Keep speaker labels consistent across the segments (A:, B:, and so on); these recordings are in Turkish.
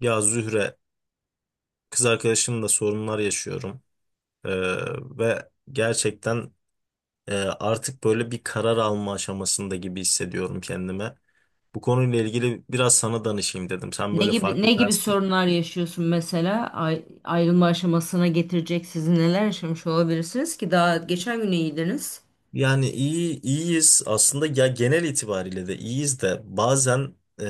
A: Ya Zühre, kız arkadaşımla sorunlar yaşıyorum. Ee, Ve gerçekten artık böyle bir karar alma aşamasında gibi hissediyorum kendime. Bu konuyla ilgili biraz sana danışayım dedim. Sen
B: Ne
A: böyle
B: gibi
A: farklı
B: ne gibi
A: perspektif.
B: sorunlar yaşıyorsun mesela? Ayrılma aşamasına getirecek sizi neler yaşamış olabilirsiniz ki daha geçen gün iyiydiniz.
A: Yani iyiyiz aslında, ya genel itibariyle de iyiyiz de bazen e,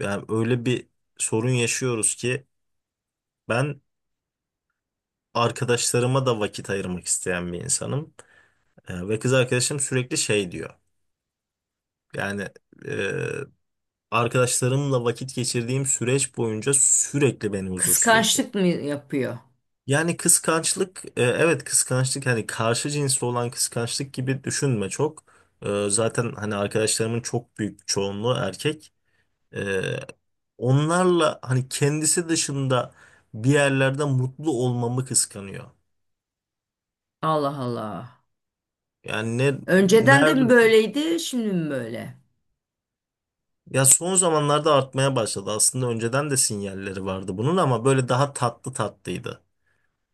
A: yani öyle bir sorun yaşıyoruz ki ben arkadaşlarıma da vakit ayırmak isteyen bir insanım. Ve kız arkadaşım sürekli şey diyor. Yani arkadaşlarımla vakit geçirdiğim süreç boyunca sürekli beni huzursuz ediyor.
B: Kıskançlık mı yapıyor?
A: Yani kıskançlık, evet kıskançlık, hani karşı cinsli olan kıskançlık gibi düşünme çok. Zaten hani arkadaşlarımın çok büyük çoğunluğu erkek. E, Onlarla hani kendisi dışında bir yerlerde mutlu olmamı kıskanıyor.
B: Allah Allah.
A: Yani ne
B: Önceden de mi
A: nerede,
B: böyleydi, şimdi mi böyle?
A: ya son zamanlarda artmaya başladı. Aslında önceden de sinyalleri vardı bunun ama böyle daha tatlı tatlıydı.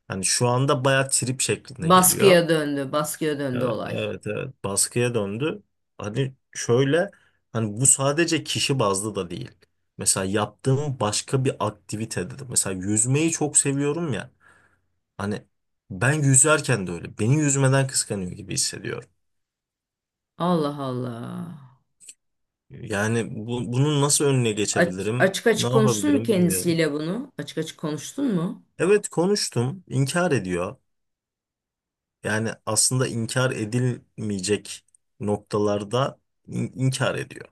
A: Hani şu anda bayağı trip şeklinde geliyor.
B: Baskıya döndü, baskıya döndü
A: Evet,
B: olay.
A: evet, evet. Baskıya döndü. Hani şöyle, hani bu sadece kişi bazlı da değil. Mesela yaptığım başka bir aktivite dedim. Mesela yüzmeyi çok seviyorum ya. Hani ben yüzerken de öyle. Beni yüzmeden kıskanıyor gibi hissediyorum.
B: Allah Allah.
A: Yani bunun nasıl önüne geçebilirim?
B: Açık
A: Ne
B: açık konuştun mu
A: yapabilirim bilmiyorum.
B: kendisiyle bunu? Açık açık konuştun mu?
A: Evet konuştum. İnkar ediyor. Yani aslında inkar edilmeyecek noktalarda inkar ediyor.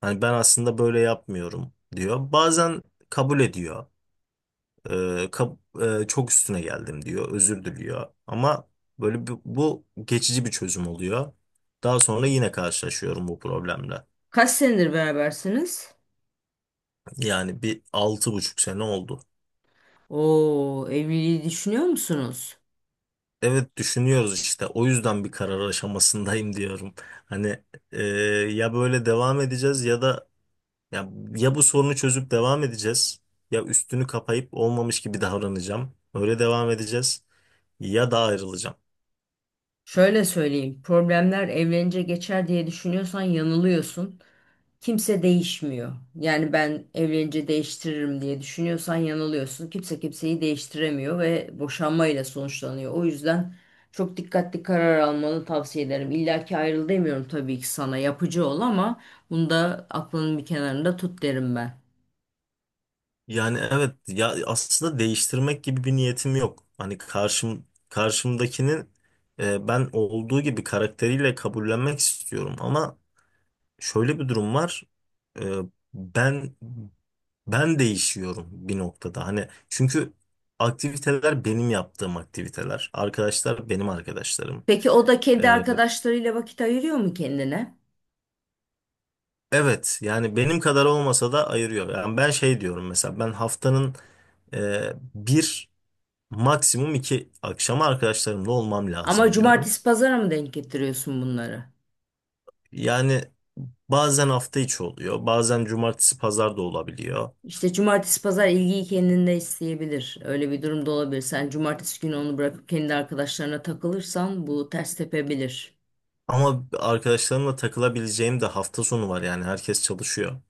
A: Hani ben aslında böyle yapmıyorum diyor. Bazen kabul ediyor. Ee, kab- Çok üstüne geldim diyor. Özür diliyor. Ama böyle bu geçici bir çözüm oluyor. Daha sonra yine karşılaşıyorum bu problemle.
B: Kaç senedir berabersiniz?
A: Yani bir 6,5 sene oldu.
B: Oo, evliliği düşünüyor musunuz?
A: Evet düşünüyoruz işte. O yüzden bir karar aşamasındayım diyorum. Hani e, ya böyle devam edeceğiz ya da Ya, ya bu sorunu çözüp devam edeceğiz. Ya üstünü kapayıp olmamış gibi davranacağım, öyle devam edeceğiz. Ya da ayrılacağım.
B: Şöyle söyleyeyim, problemler evlenince geçer diye düşünüyorsan yanılıyorsun. Kimse değişmiyor. Yani ben evlenince değiştiririm diye düşünüyorsan yanılıyorsun. Kimse kimseyi değiştiremiyor ve boşanmayla sonuçlanıyor. O yüzden çok dikkatli karar almanı tavsiye ederim. İlla ki ayrıl demiyorum tabii ki, sana yapıcı ol ama bunu da aklının bir kenarında tut derim ben.
A: Yani evet, ya aslında değiştirmek gibi bir niyetim yok. Hani karşımdakinin ben olduğu gibi karakteriyle kabullenmek istiyorum ama şöyle bir durum var. E, Ben değişiyorum bir noktada. Hani çünkü aktiviteler benim yaptığım aktiviteler. Arkadaşlar benim arkadaşlarım.
B: Peki o da kendi
A: E,
B: arkadaşlarıyla vakit ayırıyor mu kendine?
A: Evet yani benim kadar olmasa da ayırıyor. Yani ben şey diyorum, mesela ben haftanın bir, maksimum iki akşamı arkadaşlarımla olmam
B: Ama
A: lazım diyorum.
B: cumartesi pazara mı denk getiriyorsun bunları?
A: Yani bazen hafta içi oluyor, bazen cumartesi pazar da olabiliyor.
B: İşte cumartesi pazar ilgiyi kendinde isteyebilir. Öyle bir durumda olabilir. Sen cumartesi günü onu bırakıp kendi arkadaşlarına takılırsan bu ters tepebilir.
A: Ama arkadaşlarımla takılabileceğim de hafta sonu var yani, herkes çalışıyor.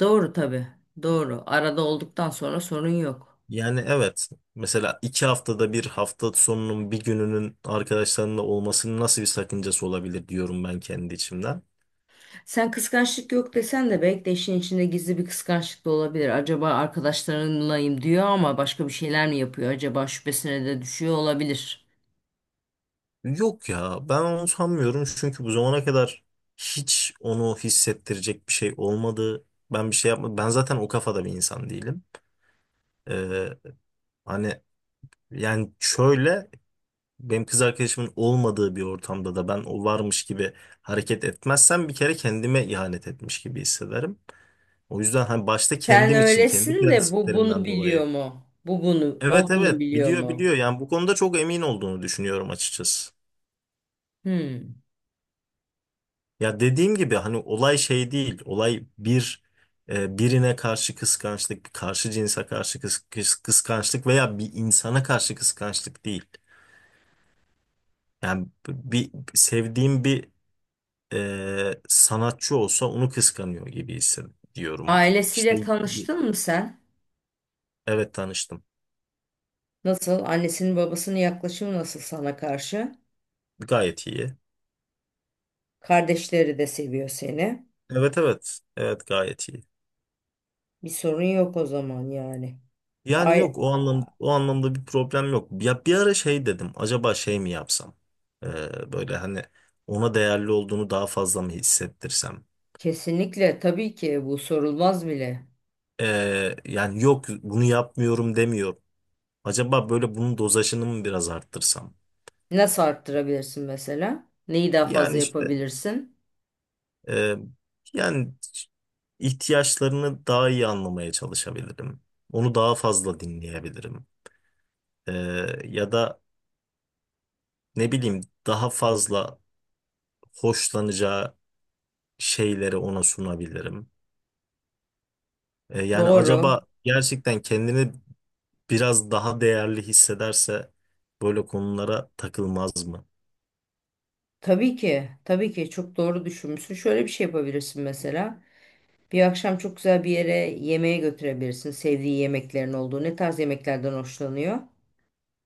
B: Doğru tabii. Doğru. Arada olduktan sonra sorun yok.
A: Yani evet, mesela 2 haftada 1 hafta sonunun bir gününün arkadaşlarımla olmasının nasıl bir sakıncası olabilir diyorum ben kendi içimden.
B: Sen kıskançlık yok desen de belki de işin içinde gizli bir kıskançlık da olabilir. Acaba arkadaşlarınlayım diyor ama başka bir şeyler mi yapıyor? Acaba şüphesine de düşüyor olabilir.
A: Yok ya, ben onu sanmıyorum çünkü bu zamana kadar hiç onu hissettirecek bir şey olmadı. Ben bir şey yapmadım. Ben zaten o kafada bir insan değilim. Ee, Hani yani şöyle, benim kız arkadaşımın olmadığı bir ortamda da ben o varmış gibi hareket etmezsem bir kere kendime ihanet etmiş gibi hissederim. O yüzden hani başta
B: Sen
A: kendim için, kendi
B: öylesin de bu bunu
A: prensiplerimden dolayı.
B: biliyor mu?
A: Evet
B: O bunu
A: evet,
B: biliyor
A: biliyor
B: mu?
A: biliyor yani, bu konuda çok emin olduğunu düşünüyorum açıkçası.
B: Hmm.
A: Ya dediğim gibi hani olay şey değil. Olay bir birine karşı kıskançlık, bir karşı cinse karşı kıskançlık veya bir insana karşı kıskançlık değil. Yani bir sevdiğim bir sanatçı olsa onu kıskanıyor gibi hissediyorum. İşte
B: Ailesiyle tanıştın mı sen?
A: evet, tanıştım.
B: Nasıl? Annesinin babasının yaklaşımı nasıl sana karşı?
A: Gayet iyi.
B: Kardeşleri de seviyor seni.
A: Evet evet. Evet gayet iyi.
B: Bir sorun yok o zaman yani.
A: Yani
B: Ay
A: yok,
B: a-
A: o anlamda bir problem yok. Ya bir ara şey dedim. Acaba şey mi yapsam? Böyle hani ona değerli olduğunu daha fazla mı hissettirsem?
B: Kesinlikle tabii ki, bu sorulmaz bile.
A: Yani yok, bunu yapmıyorum demiyorum. Acaba böyle bunun dozajını mı biraz arttırsam?
B: Nasıl arttırabilirsin mesela? Neyi daha
A: Yani
B: fazla
A: işte
B: yapabilirsin?
A: e, yani ihtiyaçlarını daha iyi anlamaya çalışabilirim. Onu daha fazla dinleyebilirim. Ee, Ya da ne bileyim, daha fazla hoşlanacağı şeyleri ona sunabilirim? Yani
B: Doğru.
A: acaba gerçekten kendini biraz daha değerli hissederse böyle konulara takılmaz mı?
B: Tabii ki. Tabii ki çok doğru düşünmüşsün. Şöyle bir şey yapabilirsin mesela. Bir akşam çok güzel bir yere yemeğe götürebilirsin. Sevdiği yemeklerin olduğu. Ne tarz yemeklerden hoşlanıyor?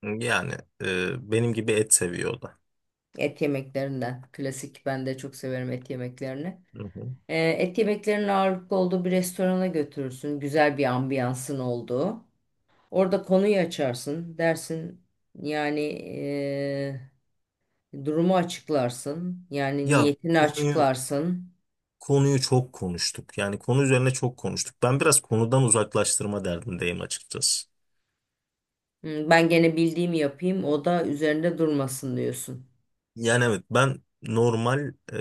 A: Yani benim gibi et seviyor o da.
B: Et yemeklerinden. Klasik, ben de çok severim et yemeklerini.
A: Hı hı.
B: Et yemeklerinin ağırlıklı olduğu bir restorana götürürsün. Güzel bir ambiyansın olduğu. Orada konuyu açarsın. Dersin yani, durumu açıklarsın. Yani
A: Ya
B: niyetini
A: konuyu
B: açıklarsın.
A: konuyu çok konuştuk. Yani konu üzerine çok konuştuk. Ben biraz konudan uzaklaştırma derdindeyim açıkçası.
B: "Hmm, ben gene bildiğimi yapayım o da üzerinde durmasın" diyorsun.
A: Yani evet, ben normal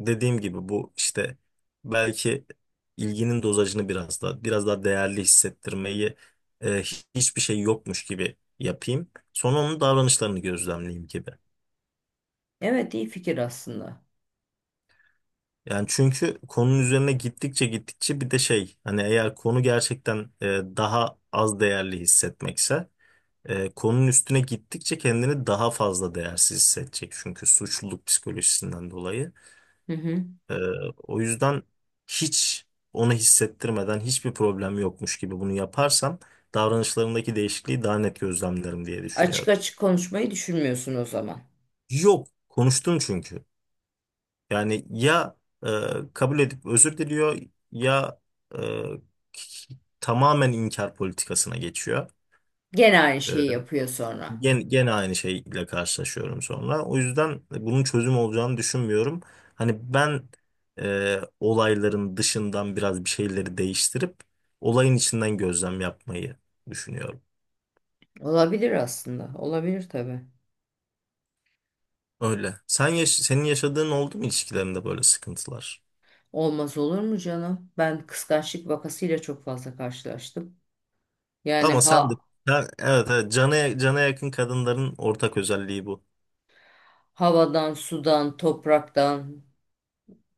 A: dediğim gibi bu işte belki ilginin dozajını biraz daha değerli hissettirmeyi e, hiçbir şey yokmuş gibi yapayım. Sonra onun davranışlarını gözlemleyeyim gibi.
B: Evet, iyi fikir aslında.
A: Yani çünkü konunun üzerine gittikçe gittikçe bir de şey, hani eğer konu gerçekten daha az değerli hissetmekse konunun üstüne gittikçe kendini daha fazla değersiz hissedecek. Çünkü suçluluk psikolojisinden dolayı.
B: Hı hı.
A: Ee, O yüzden hiç onu hissettirmeden, hiçbir problem yokmuş gibi bunu yaparsam davranışlarındaki değişikliği daha net gözlemlerim diye
B: Açık
A: düşünüyorum.
B: açık konuşmayı düşünmüyorsun o zaman.
A: Yok, konuştum çünkü. Yani ya e, kabul edip özür diliyor ya e, tamamen inkar politikasına geçiyor.
B: Gene aynı şeyi
A: E,
B: yapıyor sonra.
A: Gene aynı şeyle karşılaşıyorum sonra. O yüzden bunun çözüm olacağını düşünmüyorum. Hani ben olayların dışından biraz bir şeyleri değiştirip olayın içinden gözlem yapmayı düşünüyorum.
B: Olabilir aslında. Olabilir tabii.
A: Öyle. Senin yaşadığın oldu mu ilişkilerinde, böyle sıkıntılar?
B: Olmaz olur mu canım? Ben kıskançlık vakasıyla çok fazla karşılaştım. Yani
A: Ama sen de
B: ha
A: Ha, evet, evet, cana, cana yakın kadınların ortak özelliği bu.
B: havadan, sudan, topraktan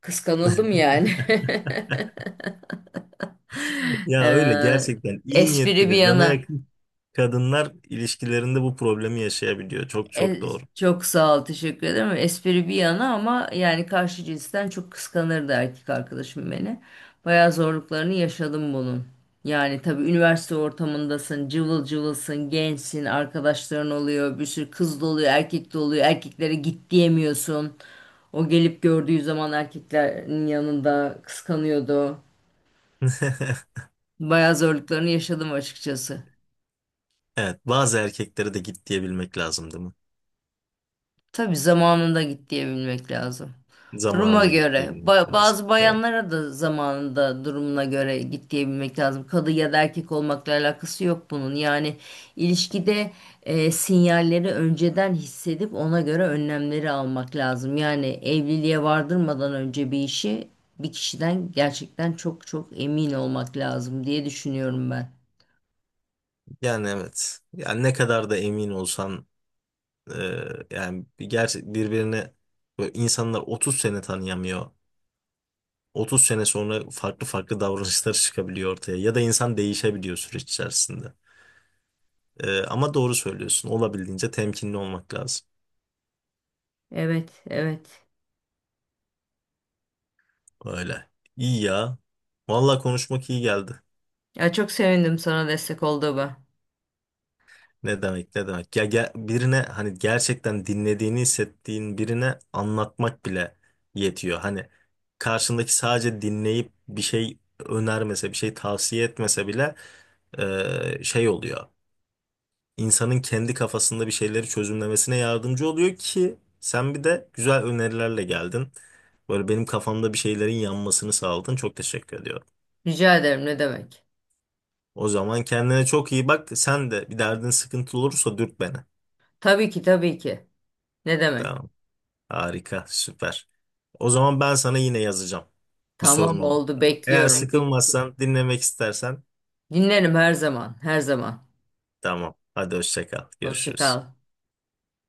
B: kıskanıldım yani.
A: Ya öyle,
B: Ee,
A: gerçekten iyi
B: Espri
A: niyetli
B: bir
A: ve cana
B: yana.
A: yakın kadınlar ilişkilerinde bu problemi yaşayabiliyor. Çok
B: E,
A: çok doğru.
B: Çok sağ ol, teşekkür ederim. Espri bir yana ama yani karşı cinsten çok kıskanırdı erkek arkadaşım beni. Bayağı zorluklarını yaşadım bunun. Yani tabii üniversite ortamındasın, cıvıl cıvılsın, gençsin, arkadaşların oluyor, bir sürü kız da oluyor, erkek de oluyor. Erkeklere git diyemiyorsun. O gelip gördüğü zaman erkeklerin yanında kıskanıyordu. Bayağı zorluklarını yaşadım açıkçası.
A: Evet, bazı erkeklere de git diyebilmek lazım değil mi?
B: Tabii zamanında git diyebilmek lazım. Duruma
A: Zamanında git
B: göre.
A: diyebilmek lazım.
B: Bazı
A: Evet.
B: bayanlara da zamanında durumuna göre git diyebilmek lazım. Kadın ya da erkek olmakla alakası yok bunun. Yani ilişkide sinyalleri önceden hissedip ona göre önlemleri almak lazım. Yani evliliğe vardırmadan önce bir işi bir kişiden gerçekten çok çok emin olmak lazım diye düşünüyorum ben.
A: Yani evet. Yani ne kadar da emin olsan e, yani bir gerçek birbirine böyle, insanlar 30 sene tanıyamıyor. 30 sene sonra farklı farklı davranışlar çıkabiliyor ortaya ya da insan değişebiliyor süreç içerisinde. Ama doğru söylüyorsun. Olabildiğince temkinli olmak lazım.
B: Evet, evet.
A: Öyle. İyi ya. Vallahi konuşmak iyi geldi.
B: Ya çok sevindim sana destek olduğuma.
A: Ne demek, ne demek? Ya, birine hani gerçekten dinlediğini hissettiğin birine anlatmak bile yetiyor. Hani karşındaki sadece dinleyip bir şey önermese, bir şey tavsiye etmese bile şey oluyor. İnsanın kendi kafasında bir şeyleri çözümlemesine yardımcı oluyor ki sen bir de güzel önerilerle geldin. Böyle benim kafamda bir şeylerin yanmasını sağladın. Çok teşekkür ediyorum.
B: Rica ederim, ne demek.
A: O zaman kendine çok iyi bak. Sen de bir derdin, sıkıntı olursa dürt beni.
B: Tabii ki, tabii ki. Ne demek?
A: Tamam. Harika, süper. O zaman ben sana yine yazacağım. Bir sorun
B: Tamam,
A: oldu.
B: oldu,
A: Eğer
B: bekliyorum. Bir-
A: sıkılmazsan, dinlemek istersen
B: dinlerim her zaman, her zaman.
A: tamam. Hadi hoşça kal.
B: Hoşça
A: Görüşürüz.
B: kal.